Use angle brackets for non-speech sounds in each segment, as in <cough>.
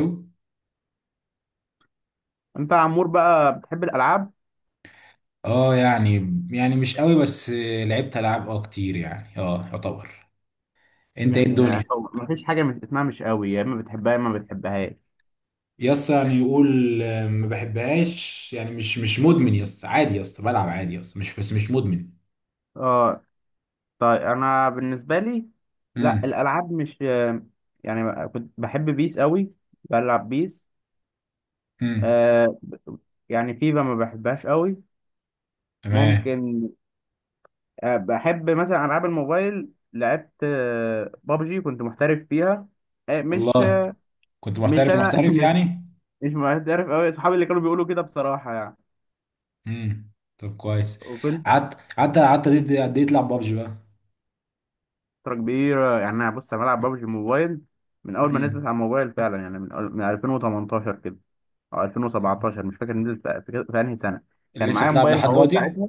أوي؟ انت يا عمور بقى بتحب الالعاب؟ اه يعني. يعني مش قوي بس. لعبت العاب كتير يعني يعتبر. انت ايه الدنيا؟ يعني هو مفيش حاجه مش اسمها مش قوي، يا اما بتحبها يا اما ما بتحبهاش. يس يعني يقول. آه، ما بحبهاش يعني مش مدمن. يس عادي. يس بلعب عادي. يس مش، بس مش مدمن. اه، طيب انا بالنسبه لي، لا امم. الالعاب مش... يعني كنت بحب بيس قوي. بلعب بيس. امم. آه ب- يعني فيفا ما بحبهاش قوي. تمام. ممكن. بحب مثلا العاب الموبايل، لعبت بابجي، كنت محترف فيها. آه مش والله كنت مش محترف انا. محترف <laughs> يعني؟ مش محترف قوي، اصحابي اللي كانوا بيقولوا كده بصراحه. امم. طب كويس. يعني قعدت قد ايه، قد إيه تلعب بابجي بقى؟ فترة كبيرة، يعني أنا بص، أنا بلعب ببجي موبايل من أول ما نزلت امم. على الموبايل فعلا، يعني من 2018 كده أو 2017، مش فاكر نزلت في أنهي سنة. كان اللي لسه معايا بتلعب موبايل لحد هواوي دلوقتي ساعتها.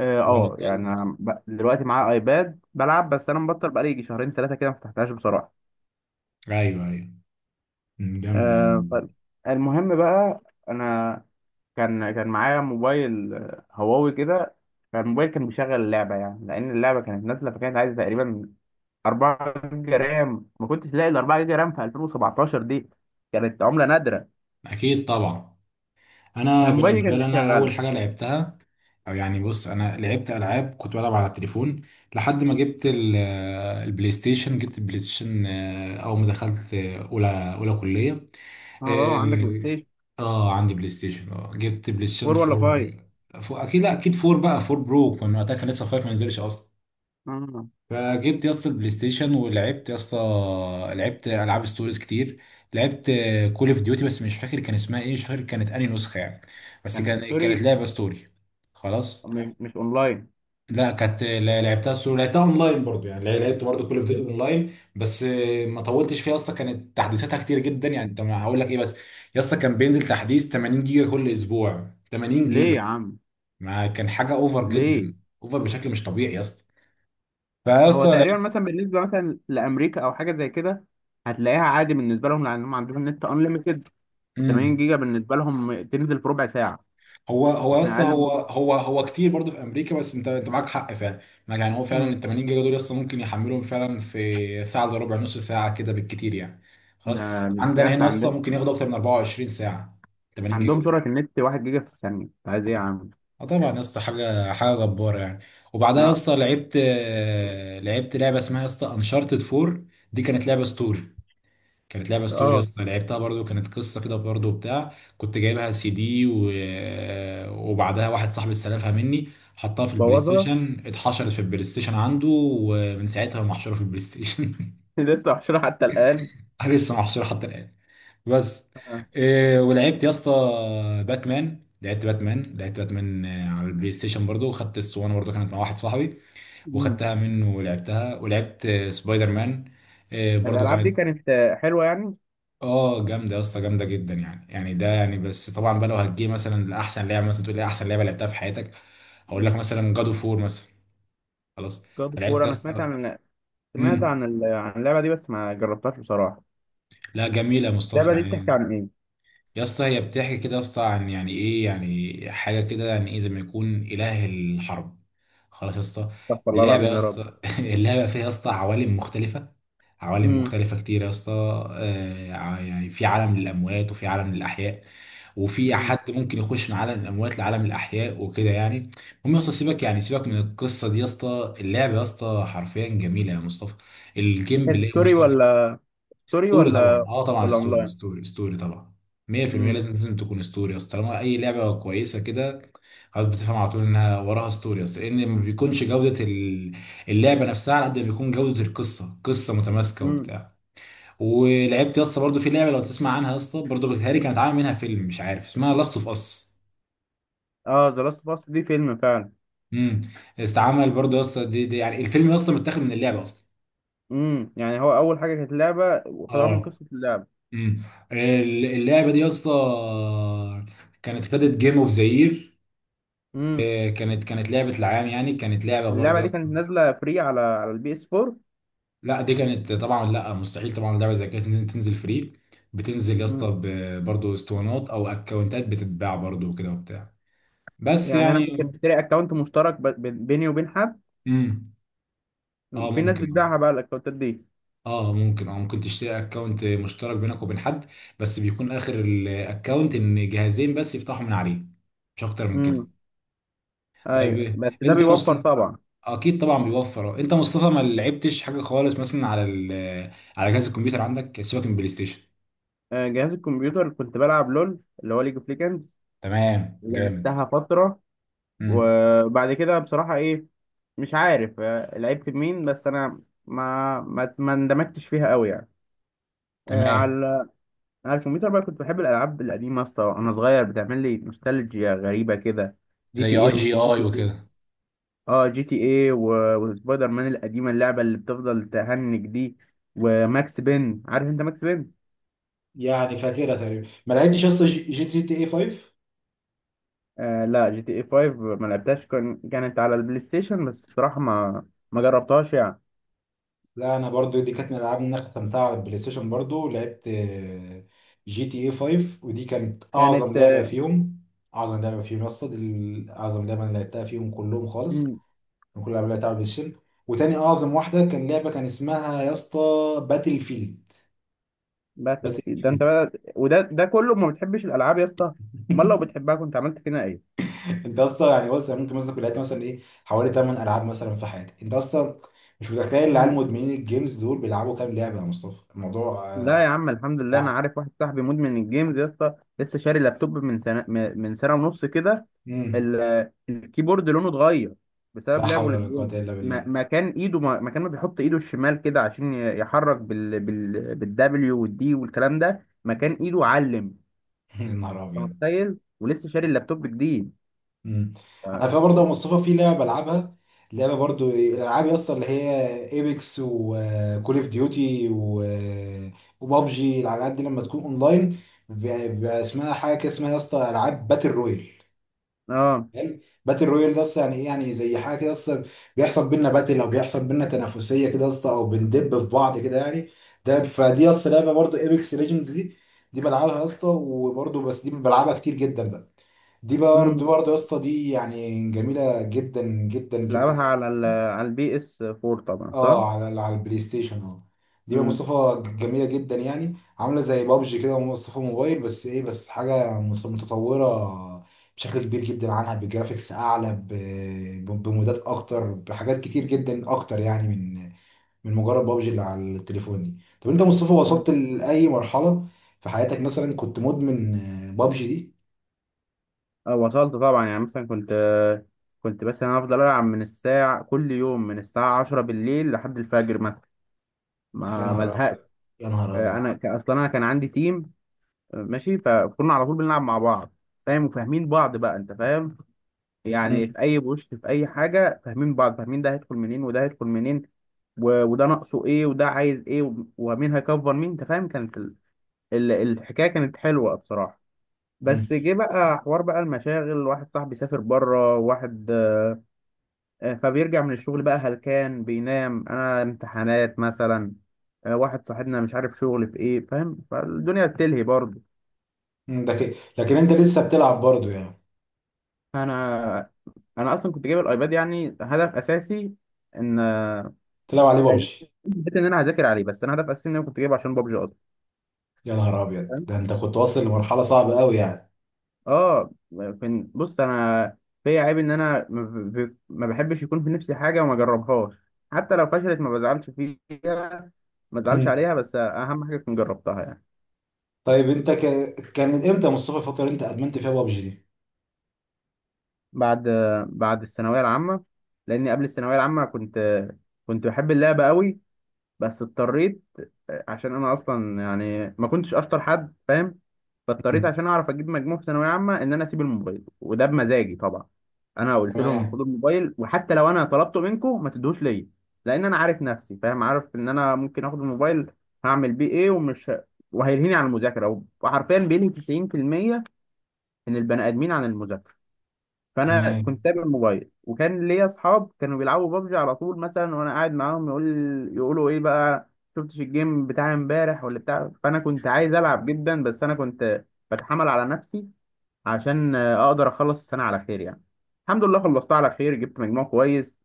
أه ولا آه، يعني بطلت؟ أنا دلوقتي معايا أيباد بلعب، بس أنا مبطل بقالي يجي شهرين ثلاثة كده ما فتحتهاش بصراحة. ايوه ايوه. أمم، جامد يا عم أه، والله. طيب، المهم بقى، أنا كان معايا موبايل هواوي كده. فالموبايل كان بيشغل اللعبة يعني، لأن اللعبة كانت نازلة فكانت عايزة تقريبا 4 جيجا رام، ما كنتش لاقي ال 4 جيجا رام في 2017 دي، كانت عمله نادره. اكيد طبعا. انا فموبايلي بالنسبه كانت لي، انا اول شغاله. حاجه لعبتها، او يعني بص انا لعبت العاب، كنت بلعب على التليفون لحد ما جبت البلاي ستيشن. جبت البلاي ستيشن آه، اول ما دخلت آه، اولى كليه. اه اه، عندك بلاي اه ستيشن؟ آه، عندي بلاي ستيشن. اه جبت بلاي ستيشن 4 4. ولا 5؟ فور اكيد، لا اكيد 4، بقى 4 برو كان وقتها، كان لسه 5 ما نزلش اصلا. اه، فجبت يا اسطى البلاي ستيشن ولعبت يا اسطى. لعبت العاب ستوريز كتير. لعبت كول اوف ديوتي بس مش فاكر كان اسمها ايه، مش فاكر كانت انهي نسخه يعني. بس كان كان، كانت ستوري، لعبه ستوري. خلاص. مش اونلاين. لا كانت لعبتها ستوري، لعبتها اونلاين برضو يعني. لعبت برضو كول اوف ديوتي اونلاين بس آه، ما طولتش فيها اصلا. كانت تحديثاتها كتير جدا يعني، انت ما هقول لك ايه بس. يا اسطى كان بينزل تحديث 80 جيجا كل اسبوع، 80 ليه جيجا. يا عم؟ ما كان حاجه اوفر ليه؟ جدا. اوفر بشكل مش طبيعي يا اسطى. فيا هو اسطى. تقريبا مثلا بالنسبه مثلا لامريكا او حاجه زي كده، هتلاقيها عادي بالنسبه لهم لانهم عندهم نت انليمتد، و80 لعبت. جيجا بالنسبه لهم تنزل في ربع ساعه، هو هو يا يمكن اسطى، اقل من هو ربع. هو هو كتير برضه في امريكا، بس انت انت معاك حق فعلا. يعني هو فعلا ال مم. 80 جيجا دول اصلا ممكن يحملهم فعلا في ساعه الا ربع، نص ساعه كده بالكتير يعني. ده خلاص. يا عندنا اسطى هنا اصلا عندهم ممكن ياخدوا اكتر من 24 ساعه، 80 جيجا عندهم دول. سرعه النت 1 جيجا في الثانيه، انت عايز ايه يا عم؟ اه طبعا يا اسطى حاجه، حاجه جباره يعني. وبعدها يا لا. اسطى لعبت آه، لعبت لعبه اسمها يا اسطى انشارتد 4. دي كانت لعبه ستوري. كانت لعبه ستوري اه، اصلا، لعبتها برضو كانت قصه كده برضو بتاع. كنت جايبها سي دي و... وبعدها واحد صاحبي استلفها مني، حطها في البلاي بوظها. ستيشن، اتحشرت في البلاي ستيشن عنده، ومن ساعتها محشوره في البلاي ستيشن. <laughs> لسه محشورة حتى الآن. <laughs> لسه محشوره حتى الان. بس آه. إيه ولعبت يا اسطى باتمان. لعبت باتمان آه، على البلاي ستيشن برضو. وخدت الاسطوانه برضو، كانت مع واحد صاحبي، مم. وخدتها منه ولعبتها. ولعبت آه، سبايدر مان آه، برضو الألعاب دي كانت. كانت حلوة يعني. اه جامده يا اسطى، جامده جدا يعني. يعني ده يعني بس طبعا بقى، لو هتجي مثلا لاحسن لعبه، مثلا تقول لي احسن لعبه لعبتها في حياتك، هقول لك مثلا جادو فور مثلا. خلاص. جاد انا فور، لعبت يا أنا سمعت اسطى. عن، سمعت امم. عن عن اللعبة دي بس ما جربتهاش بصراحة. لا جميله يا مصطفى اللعبة دي بتحكي يعني. عن إيه؟ يا اسطى هي بتحكي كده يا اسطى عن يعني ايه، يعني حاجه كده يعني ايه زي ما يكون اله الحرب. خلاص يا اسطى. استغفر الله اللعبه العظيم يا يا رب. اسطى <laughs> اللعبه فيها يا اسطى عوالم مختلفه. عوالم امم. مختلفة كتير يا اسطى. آه، يعني في عالم للأموات وفي عالم للأحياء. وفي امم. حد ممكن يخش من عالم الأموات لعالم الأحياء وكده يعني. المهم يا اسطى سيبك يعني، سيبك من القصة دي يا اسطى. اللعبة يا اسطى حرفيا جميلة يا مصطفى. دي الجيم كانت بلاي يا ستوري مصطفى. ولا، ستوري ستوري طبعا، ولا، اه طبعا ولا ستوري أونلاين؟ ستوري ستوري طبعا. 100% امم. لازم، لازم تكون ستوري يا اسطى طالما أي لعبة كويسة كده. خلاص. بتفهم على طول انها وراها ستوري، اصل لان ما بيكونش جوده اللعبه نفسها على قد ما بيكون جوده القصه، قصه متماسكه امم. وبتاع. ولعبت يا اسطى برضه في لعبه لو تسمع عنها يا اسطى برضه بتهيألي كانت عامل منها فيلم مش عارف اسمها، لاست اوف اس. اه، ذا لاست اوف اس دي فيلم فعلا. امم. استعمل برضه يا اسطى دي يعني الفيلم يا اسطى متاخد من اللعبه اصلا. امم. يعني هو أول حاجة كانت لعبة وخدوها من اه. قصة اللعبة. امم. اللعبه دي يا اسطى كانت خدت جيم اوف ذا يير. امم. كانت، كانت لعبه العام يعني، كانت لعبه برضه واللعبة يا دي اسطى. كانت نازلة فري على البي اس 4. لا دي كانت طبعا، لا مستحيل طبعا لعبه زي كده تنزل فري. بتنزل يا امم. اسطى برضه اسطوانات او اكونتات بتتباع برضه وكده وبتاع. بس يعني أنا يعني. ممكن أشتري أكونت مشترك بيني وبين حد. امم. اه في ناس ممكن آه. بتبيعها بقى الاكونتات دي. اه ممكن، اه ممكن تشتري اكونت مشترك بينك وبين حد. بس بيكون اخر الاكونت ان جهازين بس يفتحوا من عليه، مش اكتر من امم. كده. ايوه، طيب بس ده انت يا بيوفر مصطفى. طبعا. اكيد طبعا بيوفر اه. انت يا مصطفى ما لعبتش حاجه خالص مثلا على ال... على جهاز الكمبيوتر عندك سيبك من بلاي ستيشن. جهاز الكمبيوتر كنت بلعب لول، اللي هو ليج اوف ليجندز. تمام جامد. لعبتها فتره. امم. وبعد كده بصراحه ايه، مش عارف لعبت مين، بس انا ما اندمجتش فيها قوي يعني. آه، تمام. على على الكمبيوتر بقى كنت بحب الالعاب القديمه يا اسطى، وانا صغير بتعمل لي نوستالجيا غريبه كده. جي تي زي اي جي اي، اي وكده. اه جي تي ايه وسبايدر مان القديمه، اللعبه اللي بتفضل تهنج دي، وماكس بين، عارف انت ماكس بين؟ يعني فاكرها تقريبا، ما لعبتش اصلا جي تي اي 5. آه لا، جي تي ايه 5 ما لعبتهاش، كانت على البلاي ستيشن بس بصراحه ما، ما جربتهاش يعني. لا انا برضو دي كانت من الالعاب اللي انا ختمتها على البلاي ستيشن برضو، لعبت آه، جي تي اي 5، ودي كانت اعظم كانت لعبه آه، فيهم. اعظم لعبه فيهم يا اسطى دي اعظم لعبه انا لعبتها فيهم كلهم خالص. مم. من كل الالعاب اللي لعبتها على البلاي ستيشن. وتاني اعظم واحده كان لعبه كان اسمها يا اسطى باتل فيلد. باتل باتل فيلد ده انت فيلد. بقى، وده كله ما بتحبش الالعاب يا اسطى؟ امال لو <laughs> بتحبها كنت عملت فينا ايه؟ انت اصلا يعني بص، يعني ممكن مثلا كنت لعبت مثلا ايه حوالي 8 العاب مثلا في حياتي. انت اصلا مش متخيل العيال مم. مدمنين الجيمز دول بيلعبوا كام لعبه يا مصطفى، الموضوع لا آه، يا عم الحمد لله، انا صعب. عارف واحد صاحبي مدمن الجيمز يا اسطى، لسه شاري لابتوب من سنه، من سنه ونص كده. امم. الكيبورد لونه اتغير لا بسبب لعبه حول ولا قوه للجيم. الا بالله. مكان ايده، مكان ما بيحط ايده الشمال كده عشان يحرك بالدبليو والدي والكلام ده، مكان ايده علم. يا <laughs> نهار انت ابيض. متخيل؟ ولسه شاري اللابتوب جديد. مم. على اه. فكره برضه يا مصطفى في لعبه بلعبها. لعبه برضه الالعاب يا اسطى اللي هي ايبكس وكول اوف ديوتي وبابجي، الالعاب دي لما تكون اونلاين بيبقى اسمها حاجه كده، اسمها يا اسطى العاب باتل رويال. آه. حلو. باتل رويال ده اصلا يعني ايه، يعني زي حاجه كده اصلا بيحصل بينا باتل او بيحصل بينا تنافسيه كده اصلا او بندب في بعض كده يعني. ده فدي اصلا لعبه برضو ايبكس ليجندز دي. دي بلعبها يا اسطى وبرضو بس دي بلعبها كتير جدا بقى. دي برضو امم. برضو يا اسطى دي يعني جميله جدا جدا جدا. لعبها على على البي اس 4 طبعا، صح؟ اه على على البلاي ستيشن اه. دي بقى امم. مصطفى جميله جدا يعني. عامله زي بابجي كده ومصطفى موبايل بس ايه، بس حاجه متطوره بشكل كبير جدا عنها، بجرافيكس اعلى بمودات اكتر، بحاجات كتير جدا اكتر يعني من مجرد بابجي اللي على التليفون دي. طب انت يا مصطفى وصلت لاي مرحله في حياتك مثلا، كنت مدمن آه، بابجي دي؟ آه، وصلت طبعا يعني، مثلا كنت بس انا افضل العب من الساعه، كل يوم من الساعه 10 بالليل لحد الفجر مثلا، يا ما نهار ازهقش. ابيض. يا نهار آه، ابيض. انا اصلا انا كان عندي تيم ماشي، فكنا على طول بنلعب مع بعض، فاهم، وفاهمين بعض بقى، انت فاهم مم. يعني في اي بوش في اي حاجه، فاهمين بعض، فاهمين ده هيدخل منين وده هيدخل منين وده ناقصه ايه وده عايز ايه ومين هيكفر مين، انت فاهم كانت الحكايه كانت حلوه بصراحه. مم. بس جه بقى حوار بقى المشاغل، واحد صاحبي سافر بره، واحد فبيرجع من الشغل بقى هلكان بينام، انا امتحانات مثلا، واحد صاحبنا مش عارف شغل في ايه فاهم، فالدنيا بتلهي برضه. مم. ده كده لكن انت لسه بتلعب برضه يعني. انا انا اصلا كنت جايب الايباد يعني هدف اساسي ان، تلعب عليه حلو، بابجي. حته ان انا هذاكر عليه، بس انا هدف اساسي ان انا كنت جايبه عشان بابجي اصلا، يا نهار ابيض، فاهم. ده انت كنت واصل لمرحله صعبه قوي يعني. اه. بص انا، فيا عيب ان انا ما ما بحبش يكون في نفسي حاجه وما اجربهاش، حتى لو فشلت ما بزعلش فيها، ما بزعلش مم. عليها، بس اهم حاجه كنت جربتها يعني. طيب انت ك... كان امتى يا مصطفى الفتره اللي انت ادمنت فيها بابجي دي؟ بعد بعد الثانويه العامه، لاني قبل الثانويه العامه كنت بحب اللعبه قوي، بس اضطريت، عشان انا اصلا يعني ما كنتش اشطر حد فاهم، فاضطريت مم. عشان اعرف اجيب مجموع في ثانويه عامه ان انا اسيب الموبايل، وده بمزاجي طبعا. انا قلت لهم تمام. خدوا الموبايل، وحتى لو انا طلبته منكم ما تدوش ليا، لان انا عارف نفسي فاهم، عارف ان انا ممكن اخد الموبايل، هعمل بيه ايه، وهيلهيني عن المذاكره، وحرفيا بينهي 90% من البني ادمين عن المذاكره. فانا كنت تمام. سايب الموبايل، وكان ليا اصحاب كانوا بيلعبوا بابجي على طول مثلا، وانا قاعد معاهم، يقولوا ايه بقى، شفتش الجيم بتاع امبارح ولا بتاع، فانا كنت عايز العب جدا، بس انا كنت بتحمل على نفسي عشان اقدر اخلص السنه على خير يعني. الحمد لله خلصتها على خير، جبت مجموع كويس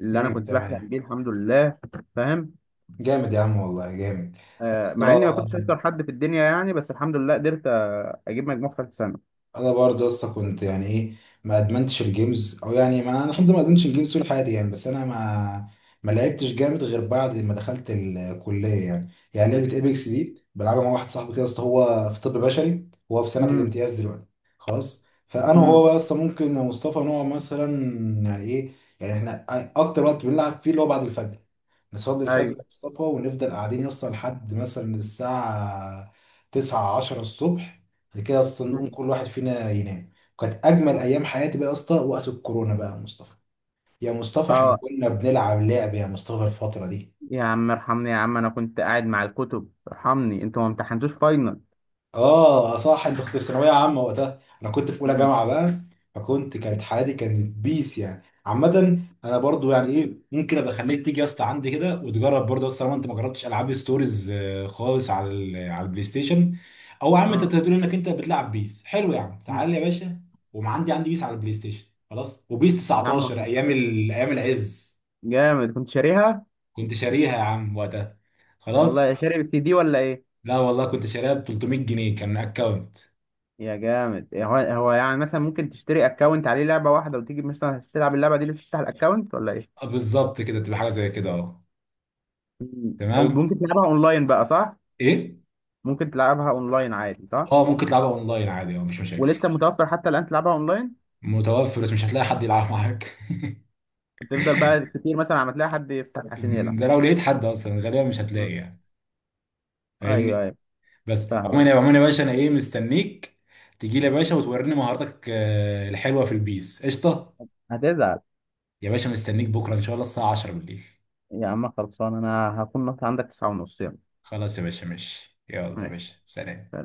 اللي انا مم. كنت بحلم تمام. بيه، الحمد لله، فاهم. جامد يا عم والله جامد. يا اسطى مع اني ما كنتش اشطر حد في الدنيا يعني، بس الحمد لله قدرت اجيب مجموع في ثالث سنه. انا برضه لسه كنت يعني ايه، ما ادمنتش الجيمز، او يعني ما انا الحمد لله ما ادمنتش الجيمز طول حياتي يعني. بس انا ما لعبتش جامد غير بعد ما دخلت الكليه يعني. يعني لعبه ايبكس دي بلعبها مع واحد صاحبي كده. اصل هو في طب بشري، هو في سنه امم. الامتياز دلوقتي. خلاص. فانا امم. وهو بقى اصلا ممكن يا مصطفى نقعد مثلا يعني ايه، يعني احنا اكتر وقت بنلعب فيه اللي هو بعد الفجر. نصلي الفجر ايوه. يا مصطفى ونفضل قاعدين يسطا لحد مثلا الساعة تسعة عشرة الصبح. بعد كده اصلا نقوم مم. كل واحد فينا ينام. وكانت أجمل أيام حياتي بقى يا اسطى وقت الكورونا بقى يا مصطفى. يا مصطفى احنا اه، كنا بنلعب لعب يا مصطفى الفترة دي. يا عم ارحمني يا عم، انا كنت قاعد مع الكتب، ارحمني، انتوا ما امتحنتوش فاينل. اه صح انت كنت في ثانويه عامه وقتها، انا كنت في اولى مم. جامعه بقى. فكنت، كانت حياتي كانت بيس يعني عامه. انا برضو يعني ايه، ممكن ابقى اخليك تيجي يا اسطى عندي كده وتجرب برضه يا اسطى لو انت ما جربتش العاب ستوريز آه، خالص على على البلاي ستيشن. او يا عم انت اه. بتقول انك انت بتلعب بيس حلو يا عم، مم. تعالى يا باشا. وما عندي عندي بيس على البلاي ستيشن خلاص، وبيس يا 19 عم ايام ال... ايام العز. جامد كنت شاريها. كنت شاريها يا عم وقتها. خلاص. والله شاري سي دي ولا ايه؟ لا والله كنت شاريها ب 300 جنيه. كان اكونت. يا جامد إيه، هو يعني مثلا ممكن تشتري اكونت عليه لعبه واحده وتيجي مثلا تلعب اللعبه دي اللي تفتح الاكونت ولا ايه؟ آه، بالظبط كده، تبقى حاجه زي كده اه. مم. تمام. وممكن تلعبها اونلاين بقى صح؟ ايه. ممكن تلعبها اونلاين عادي صح؟ اه ممكن تلعبها اونلاين عادي، اه مفيش مشاكل. ولسه متوفر حتى الان تلعبها اونلاين؟ متوفر بس مش هتلاقي حد يلعب معاك. تفضل بقى كتير مثلا عم تلاقي حد يفتح عشان يلعب؟ <laughs> ده لو لقيت حد اصلا غالبا مش هتلاقي مم. يعني. ايوه فاهمني. ايوه. بس فاهمك. عموما، يا عموما يا باشا انا ايه، مستنيك تجي لي يا باشا وتوريني مهاراتك آه، الحلوه في البيس قشطه. هتزعل. يا باشا مستنيك بكره ان شاء الله الساعه 10 بالليل. يا عم خلصان، انا هكون نط عندك 9:30، يلا. خلاص يا باشا، ماشي، يلا يا ماشي باشا، سلام.